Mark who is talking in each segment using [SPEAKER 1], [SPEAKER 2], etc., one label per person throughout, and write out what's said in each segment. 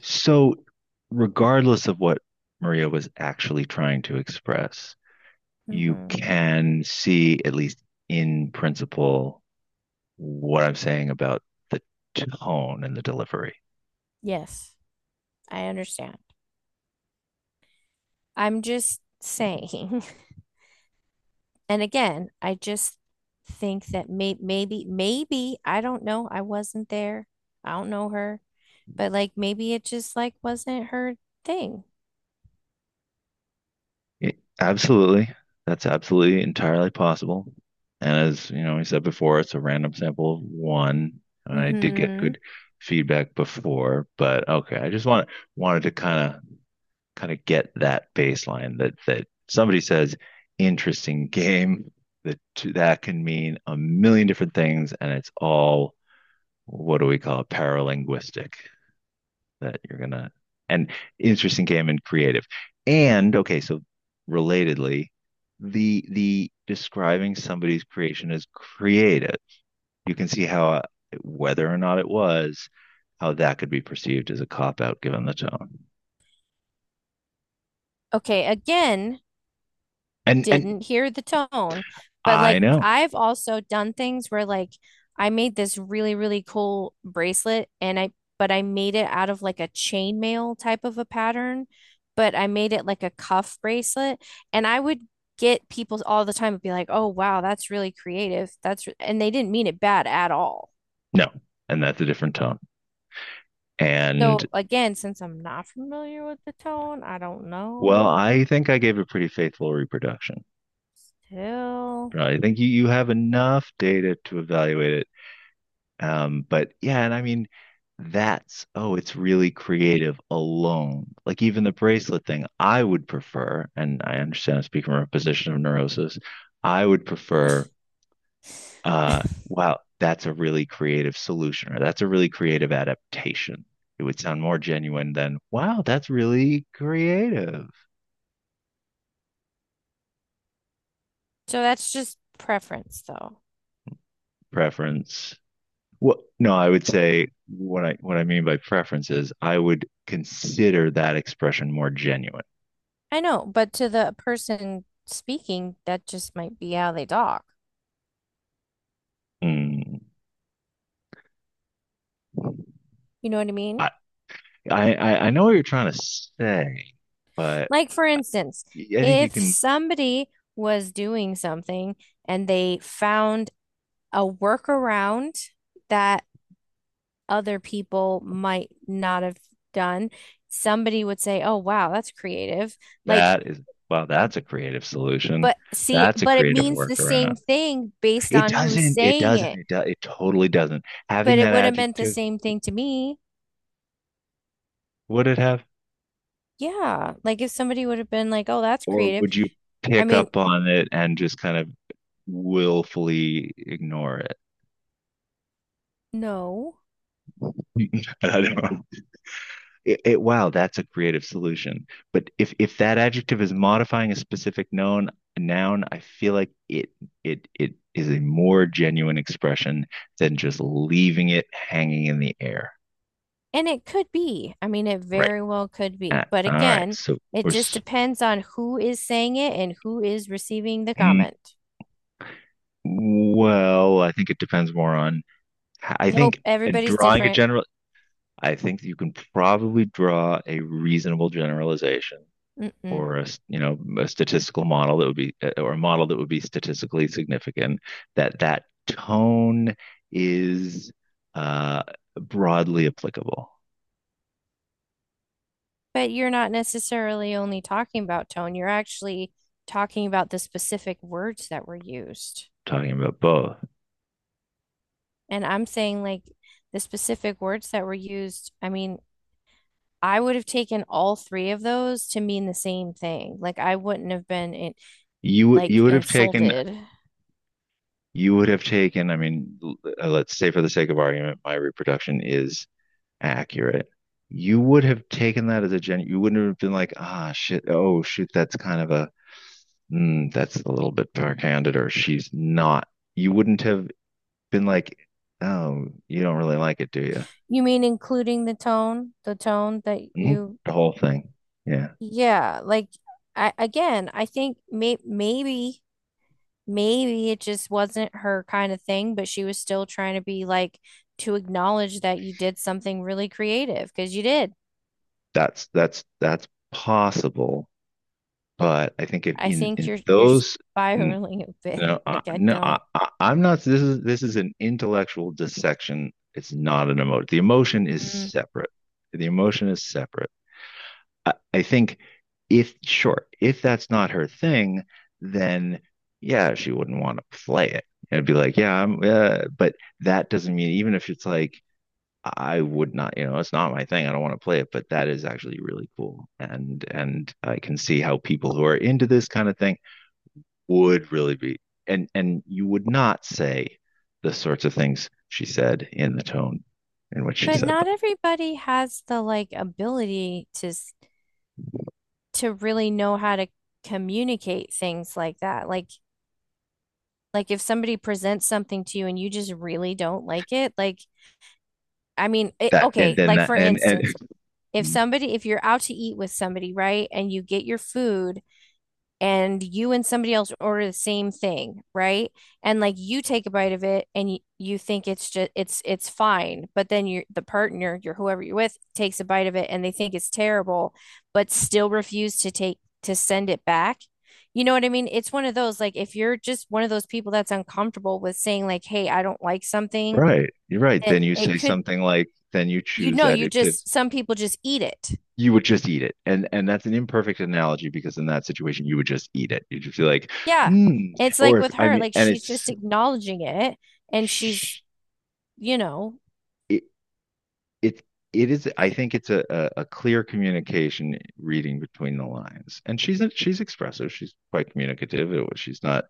[SPEAKER 1] So, regardless of what Maria was actually trying to express, you
[SPEAKER 2] Hmm
[SPEAKER 1] can see, at least in principle, what I'm saying about the tone and the delivery.
[SPEAKER 2] Yes, I understand. I'm just saying. And again, I just think that maybe I don't know. I wasn't there. I don't know her, but like maybe it just like wasn't her thing.
[SPEAKER 1] Absolutely. That's absolutely entirely possible. And as you know, we said before, it's a random sample of one. And I did get
[SPEAKER 2] Hmm
[SPEAKER 1] good feedback before, but okay, I just want wanted to kind of get that baseline that somebody says interesting game that that can mean a million different things and it's all what do we call it, paralinguistic, that you're gonna and interesting game and creative and okay, so relatedly, the describing somebody's creation as creative, you can see how, whether or not it was, how that could be perceived as a cop out given the tone
[SPEAKER 2] Okay, again,
[SPEAKER 1] and
[SPEAKER 2] didn't hear the tone. But
[SPEAKER 1] I
[SPEAKER 2] like
[SPEAKER 1] know.
[SPEAKER 2] I've also done things where like I made this really, really cool bracelet and I but I made it out of like a chainmail type of a pattern, but I made it like a cuff bracelet and I would get people all the time and be like, "Oh wow, that's really creative. That's re-" and they didn't mean it bad at all.
[SPEAKER 1] No. And that's a different tone. And
[SPEAKER 2] So again, since I'm not familiar with the tone, I don't
[SPEAKER 1] well,
[SPEAKER 2] know.
[SPEAKER 1] I think I gave a pretty faithful reproduction.
[SPEAKER 2] Till.
[SPEAKER 1] Right. I think you, you have enough data to evaluate it. But yeah, and I mean, that's, oh, it's really creative alone. Like even the bracelet thing, I would prefer, and I understand I'm speaking from a position of neurosis, I would prefer, wow, that's a really creative solution, or that's a really creative adaptation. It would sound more genuine than, wow, that's really creative
[SPEAKER 2] So that's just preference though.
[SPEAKER 1] preference. Well, no, I would say what I, what I mean by preference is I would consider that expression more genuine.
[SPEAKER 2] I know, but to the person speaking, that just might be how they talk.
[SPEAKER 1] Mm.
[SPEAKER 2] You know what I mean?
[SPEAKER 1] I know what you're trying to say, but
[SPEAKER 2] Like, for instance,
[SPEAKER 1] I think you
[SPEAKER 2] if
[SPEAKER 1] can.
[SPEAKER 2] somebody was doing something and they found a workaround that other people might not have done, somebody would say, "Oh, wow, that's creative." Like,
[SPEAKER 1] That is, well, that's a creative solution.
[SPEAKER 2] but see,
[SPEAKER 1] That's a
[SPEAKER 2] but it
[SPEAKER 1] creative
[SPEAKER 2] means the same
[SPEAKER 1] workaround.
[SPEAKER 2] thing based
[SPEAKER 1] It
[SPEAKER 2] on who's
[SPEAKER 1] doesn't. It
[SPEAKER 2] saying
[SPEAKER 1] doesn't.
[SPEAKER 2] it,
[SPEAKER 1] It does. It totally doesn't.
[SPEAKER 2] but
[SPEAKER 1] Having
[SPEAKER 2] it
[SPEAKER 1] that
[SPEAKER 2] would have meant the
[SPEAKER 1] adjective,
[SPEAKER 2] same thing to me.
[SPEAKER 1] would it have,
[SPEAKER 2] Yeah, like if somebody would have been like, "Oh, that's
[SPEAKER 1] or
[SPEAKER 2] creative,"
[SPEAKER 1] would you
[SPEAKER 2] I
[SPEAKER 1] pick
[SPEAKER 2] mean,
[SPEAKER 1] up on it and just kind of willfully ignore it?
[SPEAKER 2] no.
[SPEAKER 1] I don't know. Wow, that's a creative solution. But if that adjective is modifying a specific noun, I feel like it is a more genuine expression than just leaving it hanging in the air.
[SPEAKER 2] And it could be. I mean, it
[SPEAKER 1] Right.
[SPEAKER 2] very well could be.
[SPEAKER 1] Ah,
[SPEAKER 2] But
[SPEAKER 1] all right.
[SPEAKER 2] again,
[SPEAKER 1] So
[SPEAKER 2] it
[SPEAKER 1] or
[SPEAKER 2] just depends on who is saying it and who is receiving the comment.
[SPEAKER 1] well, I think it depends more on. I
[SPEAKER 2] Nope,
[SPEAKER 1] think in
[SPEAKER 2] everybody's
[SPEAKER 1] drawing a
[SPEAKER 2] different.
[SPEAKER 1] general. I think you can probably draw a reasonable generalization
[SPEAKER 2] Mm-mm.
[SPEAKER 1] or a, you know, a statistical model that would be or a model that would be statistically significant that that tone is uh, broadly applicable
[SPEAKER 2] But you're not necessarily only talking about tone, you're actually talking about the specific words that were used.
[SPEAKER 1] talking about both.
[SPEAKER 2] And I'm saying, like, the specific words that were used, I mean, I would have taken all three of those to mean the same thing. Like, I wouldn't have been in,
[SPEAKER 1] you
[SPEAKER 2] like,
[SPEAKER 1] you would have taken,
[SPEAKER 2] insulted.
[SPEAKER 1] you would have taken, I mean, let's say for the sake of argument my reproduction is accurate, you would have taken that as a gen, you wouldn't have been like, ah shit, oh shoot, that's kind of a mm, that's a little bit backhanded, or she's not, you wouldn't have been like, oh, you don't really like it, do you?
[SPEAKER 2] You mean including the tone that
[SPEAKER 1] Mhm.
[SPEAKER 2] you,
[SPEAKER 1] The whole thing. Yeah.
[SPEAKER 2] yeah, like I again, I think maybe it just wasn't her kind of thing, but she was still trying to be like to acknowledge that you did something really creative because you did.
[SPEAKER 1] That's possible, but I think if
[SPEAKER 2] I
[SPEAKER 1] in
[SPEAKER 2] think
[SPEAKER 1] in
[SPEAKER 2] you're
[SPEAKER 1] those n-
[SPEAKER 2] spiraling a bit.
[SPEAKER 1] no
[SPEAKER 2] Like I
[SPEAKER 1] no, I,
[SPEAKER 2] don't,
[SPEAKER 1] I, I'm not, this is this is an intellectual dissection. It's not an emotion. The emotion is
[SPEAKER 2] mm.
[SPEAKER 1] separate. The emotion is separate. I think if sure, if that's not her thing, then yeah, she wouldn't want to play it. It'd be like, yeah, I'm, but that doesn't mean even if it's like I would not, you know, it's not my thing. I don't want to play it, but that is actually really cool. And I can see how people who are into this kind of thing would really be, and you would not say the sorts of things she said in the tone in which she
[SPEAKER 2] But
[SPEAKER 1] said
[SPEAKER 2] not
[SPEAKER 1] them.
[SPEAKER 2] everybody has the like ability to s- to really know how to communicate things like that. Like if somebody presents something to you and you just really don't like it, like I mean, it,
[SPEAKER 1] That and
[SPEAKER 2] okay,
[SPEAKER 1] then
[SPEAKER 2] like
[SPEAKER 1] that
[SPEAKER 2] for
[SPEAKER 1] and
[SPEAKER 2] instance, if somebody if you're out to eat with somebody, right, and you get your food and you and somebody else order the same thing, right? And like you take a bite of it and you think it's just it's fine, but then your the partner, your whoever you're with takes a bite of it and they think it's terrible, but still refuse to take to send it back. You know what I mean? It's one of those like if you're just one of those people that's uncomfortable with saying like, "Hey, I don't like something,"
[SPEAKER 1] right, you're right. Then
[SPEAKER 2] then
[SPEAKER 1] you
[SPEAKER 2] it
[SPEAKER 1] say
[SPEAKER 2] could
[SPEAKER 1] something like, then you
[SPEAKER 2] you
[SPEAKER 1] choose
[SPEAKER 2] know, you
[SPEAKER 1] adjectives.
[SPEAKER 2] just some people just eat it.
[SPEAKER 1] You would just eat it, and that's an imperfect analogy because in that situation you would just eat it. You'd just be like,
[SPEAKER 2] Yeah.
[SPEAKER 1] mm.
[SPEAKER 2] It's like
[SPEAKER 1] Or if,
[SPEAKER 2] with
[SPEAKER 1] I
[SPEAKER 2] her,
[SPEAKER 1] mean,
[SPEAKER 2] like
[SPEAKER 1] and
[SPEAKER 2] she's
[SPEAKER 1] it's.
[SPEAKER 2] just acknowledging it and she's
[SPEAKER 1] Sh-
[SPEAKER 2] you know,
[SPEAKER 1] it it it is, I think it's a, a clear communication reading between the lines. And she's expressive. She's quite communicative. She's not,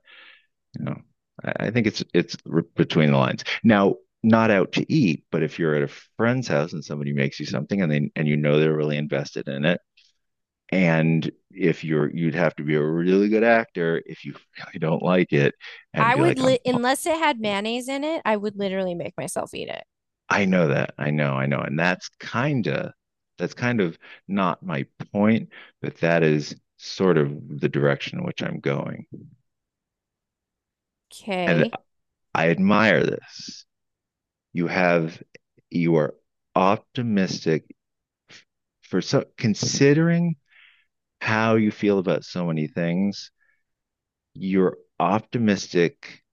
[SPEAKER 1] you know, I think it's between the lines. Now, not out to eat, but if you're at a friend's house and somebody makes you something, and they and you know they're really invested in it, and if you're, you'd have to be a really good actor if you really don't like it and
[SPEAKER 2] I
[SPEAKER 1] be
[SPEAKER 2] would
[SPEAKER 1] like,
[SPEAKER 2] li
[SPEAKER 1] I'm
[SPEAKER 2] unless it had mayonnaise in it, I would literally make myself eat it.
[SPEAKER 1] I know that. I know, I know. And that's kind of, that's kind of not my point, but that is sort of the direction in which I'm going. And
[SPEAKER 2] Okay.
[SPEAKER 1] I admire this. You have, you are optimistic for so considering how you feel about so many things, you're optimistic.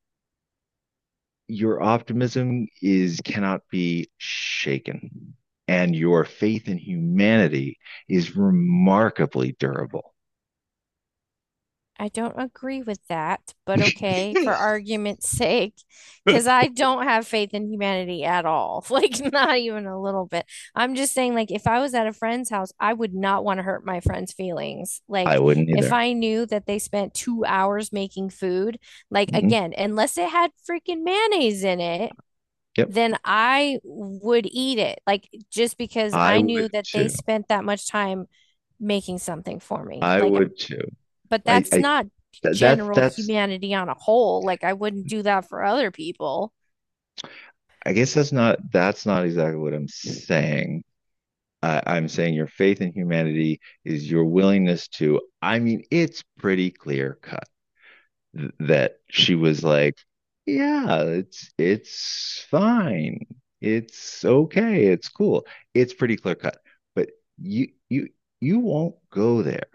[SPEAKER 1] Your optimism is cannot be shaken, and your faith in humanity is remarkably durable.
[SPEAKER 2] I don't agree with that, but okay, for argument's sake, because I don't have faith in humanity at all. Like, not even a little bit. I'm just saying, like, if I was at a friend's house, I would not want to hurt my friend's feelings.
[SPEAKER 1] I
[SPEAKER 2] Like,
[SPEAKER 1] wouldn't
[SPEAKER 2] if
[SPEAKER 1] either.
[SPEAKER 2] I knew that they spent 2 hours making food, like,
[SPEAKER 1] Hmm.
[SPEAKER 2] again, unless it had freaking mayonnaise in it,
[SPEAKER 1] Yep,
[SPEAKER 2] then I would eat it. Like, just because
[SPEAKER 1] I
[SPEAKER 2] I knew
[SPEAKER 1] would
[SPEAKER 2] that they
[SPEAKER 1] too.
[SPEAKER 2] spent that much time making something for me.
[SPEAKER 1] I
[SPEAKER 2] Like,
[SPEAKER 1] would too.
[SPEAKER 2] but
[SPEAKER 1] I,
[SPEAKER 2] that's
[SPEAKER 1] I
[SPEAKER 2] not
[SPEAKER 1] that's
[SPEAKER 2] general
[SPEAKER 1] that's
[SPEAKER 2] humanity on a whole. Like I wouldn't do that for other people.
[SPEAKER 1] I guess that's not, that's not exactly what I'm saying. I'm saying your faith in humanity is your willingness to. I mean, it's pretty clear cut. That she was like, yeah, it's fine. It's okay. It's cool. It's pretty clear cut. But you you you won't go there.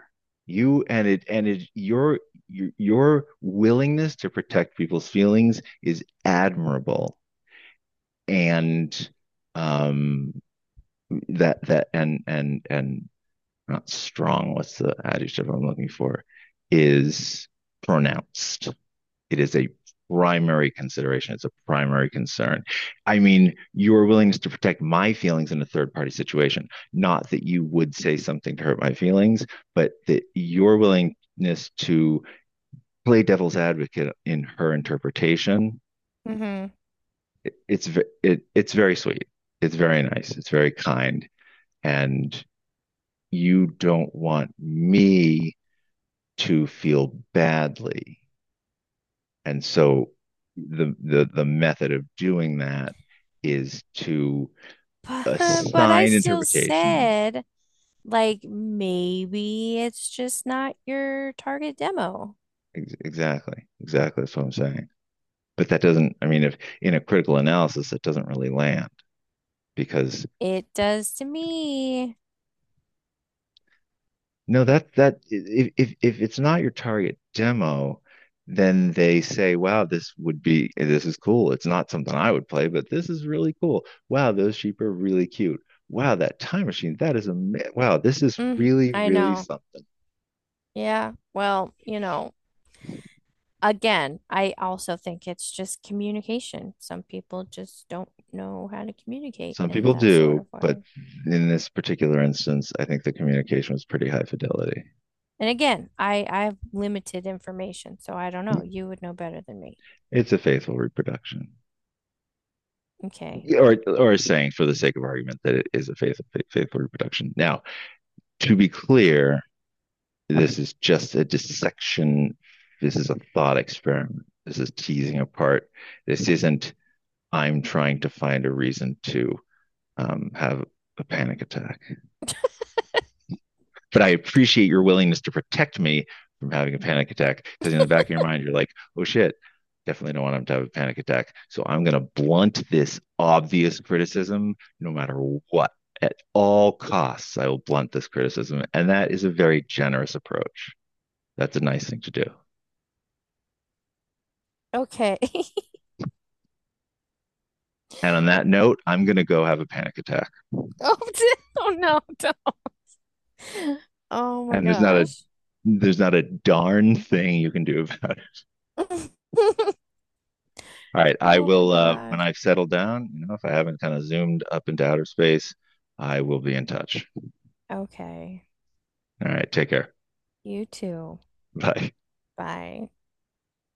[SPEAKER 1] You, and it, and it, your your willingness to protect people's feelings is admirable. And um that that and not strong, what's the adjective I'm looking for, is pronounced, it is a primary consideration. It's a primary concern. I mean, your willingness to protect my feelings in a third party situation, not that you would say something to hurt my feelings, but that your willingness to play devil's advocate in her interpretation,
[SPEAKER 2] Hmm
[SPEAKER 1] it, it's it, it's very sweet. It's very nice. It's very kind, and you don't want me to feel badly. And so the method of doing that is to
[SPEAKER 2] But, but I
[SPEAKER 1] assign
[SPEAKER 2] still
[SPEAKER 1] interpretation.
[SPEAKER 2] said, like, maybe it's just not your target demo.
[SPEAKER 1] Exactly, exactly. That's what I'm saying. But that doesn't. I mean, if in a critical analysis, it doesn't really land because
[SPEAKER 2] It does to me.
[SPEAKER 1] no, that that, if if it's not your target demo, then they say, wow, this would be, this is cool. It's not something I would play, but this is really cool. Wow, those sheep are really cute. Wow, that time machine, that is amazing. Wow, this is
[SPEAKER 2] Mm,
[SPEAKER 1] really,
[SPEAKER 2] I
[SPEAKER 1] really
[SPEAKER 2] know.
[SPEAKER 1] something.
[SPEAKER 2] Yeah. Well, you know, again, I also think it's just communication. Some people just don't know how to communicate
[SPEAKER 1] Some
[SPEAKER 2] in
[SPEAKER 1] people
[SPEAKER 2] that sort
[SPEAKER 1] do,
[SPEAKER 2] of
[SPEAKER 1] but
[SPEAKER 2] way.
[SPEAKER 1] in this particular instance, I think the communication was pretty high fidelity.
[SPEAKER 2] And again, I have limited information, so I don't know. You would know better than me.
[SPEAKER 1] It's a faithful reproduction,
[SPEAKER 2] Okay.
[SPEAKER 1] or saying for the sake of argument that it is a faithful reproduction. Now, to be clear, this is just a dissection. This is a thought experiment. This is teasing apart. This isn't. I'm trying to find a reason to have a panic attack. But I appreciate your willingness to protect me from having a panic attack because in the back of your mind, you're like, oh shit, definitely don't want him to have a panic attack. So I'm going to blunt this obvious criticism no matter what. At all costs, I will blunt this criticism. And that is a very generous approach. That's a nice thing to do.
[SPEAKER 2] Okay.
[SPEAKER 1] And on that note, I'm going to go have a panic attack.
[SPEAKER 2] Oh, oh no. Don't. Oh my
[SPEAKER 1] And there's not a,
[SPEAKER 2] gosh.
[SPEAKER 1] there's not a darn thing you can do about. All right, I
[SPEAKER 2] Oh my
[SPEAKER 1] will when
[SPEAKER 2] God.
[SPEAKER 1] I've settled down, you know, if I haven't kind of zoomed up into outer space, I will be in touch.
[SPEAKER 2] Okay.
[SPEAKER 1] All right, take care.
[SPEAKER 2] You too.
[SPEAKER 1] Bye.
[SPEAKER 2] Bye.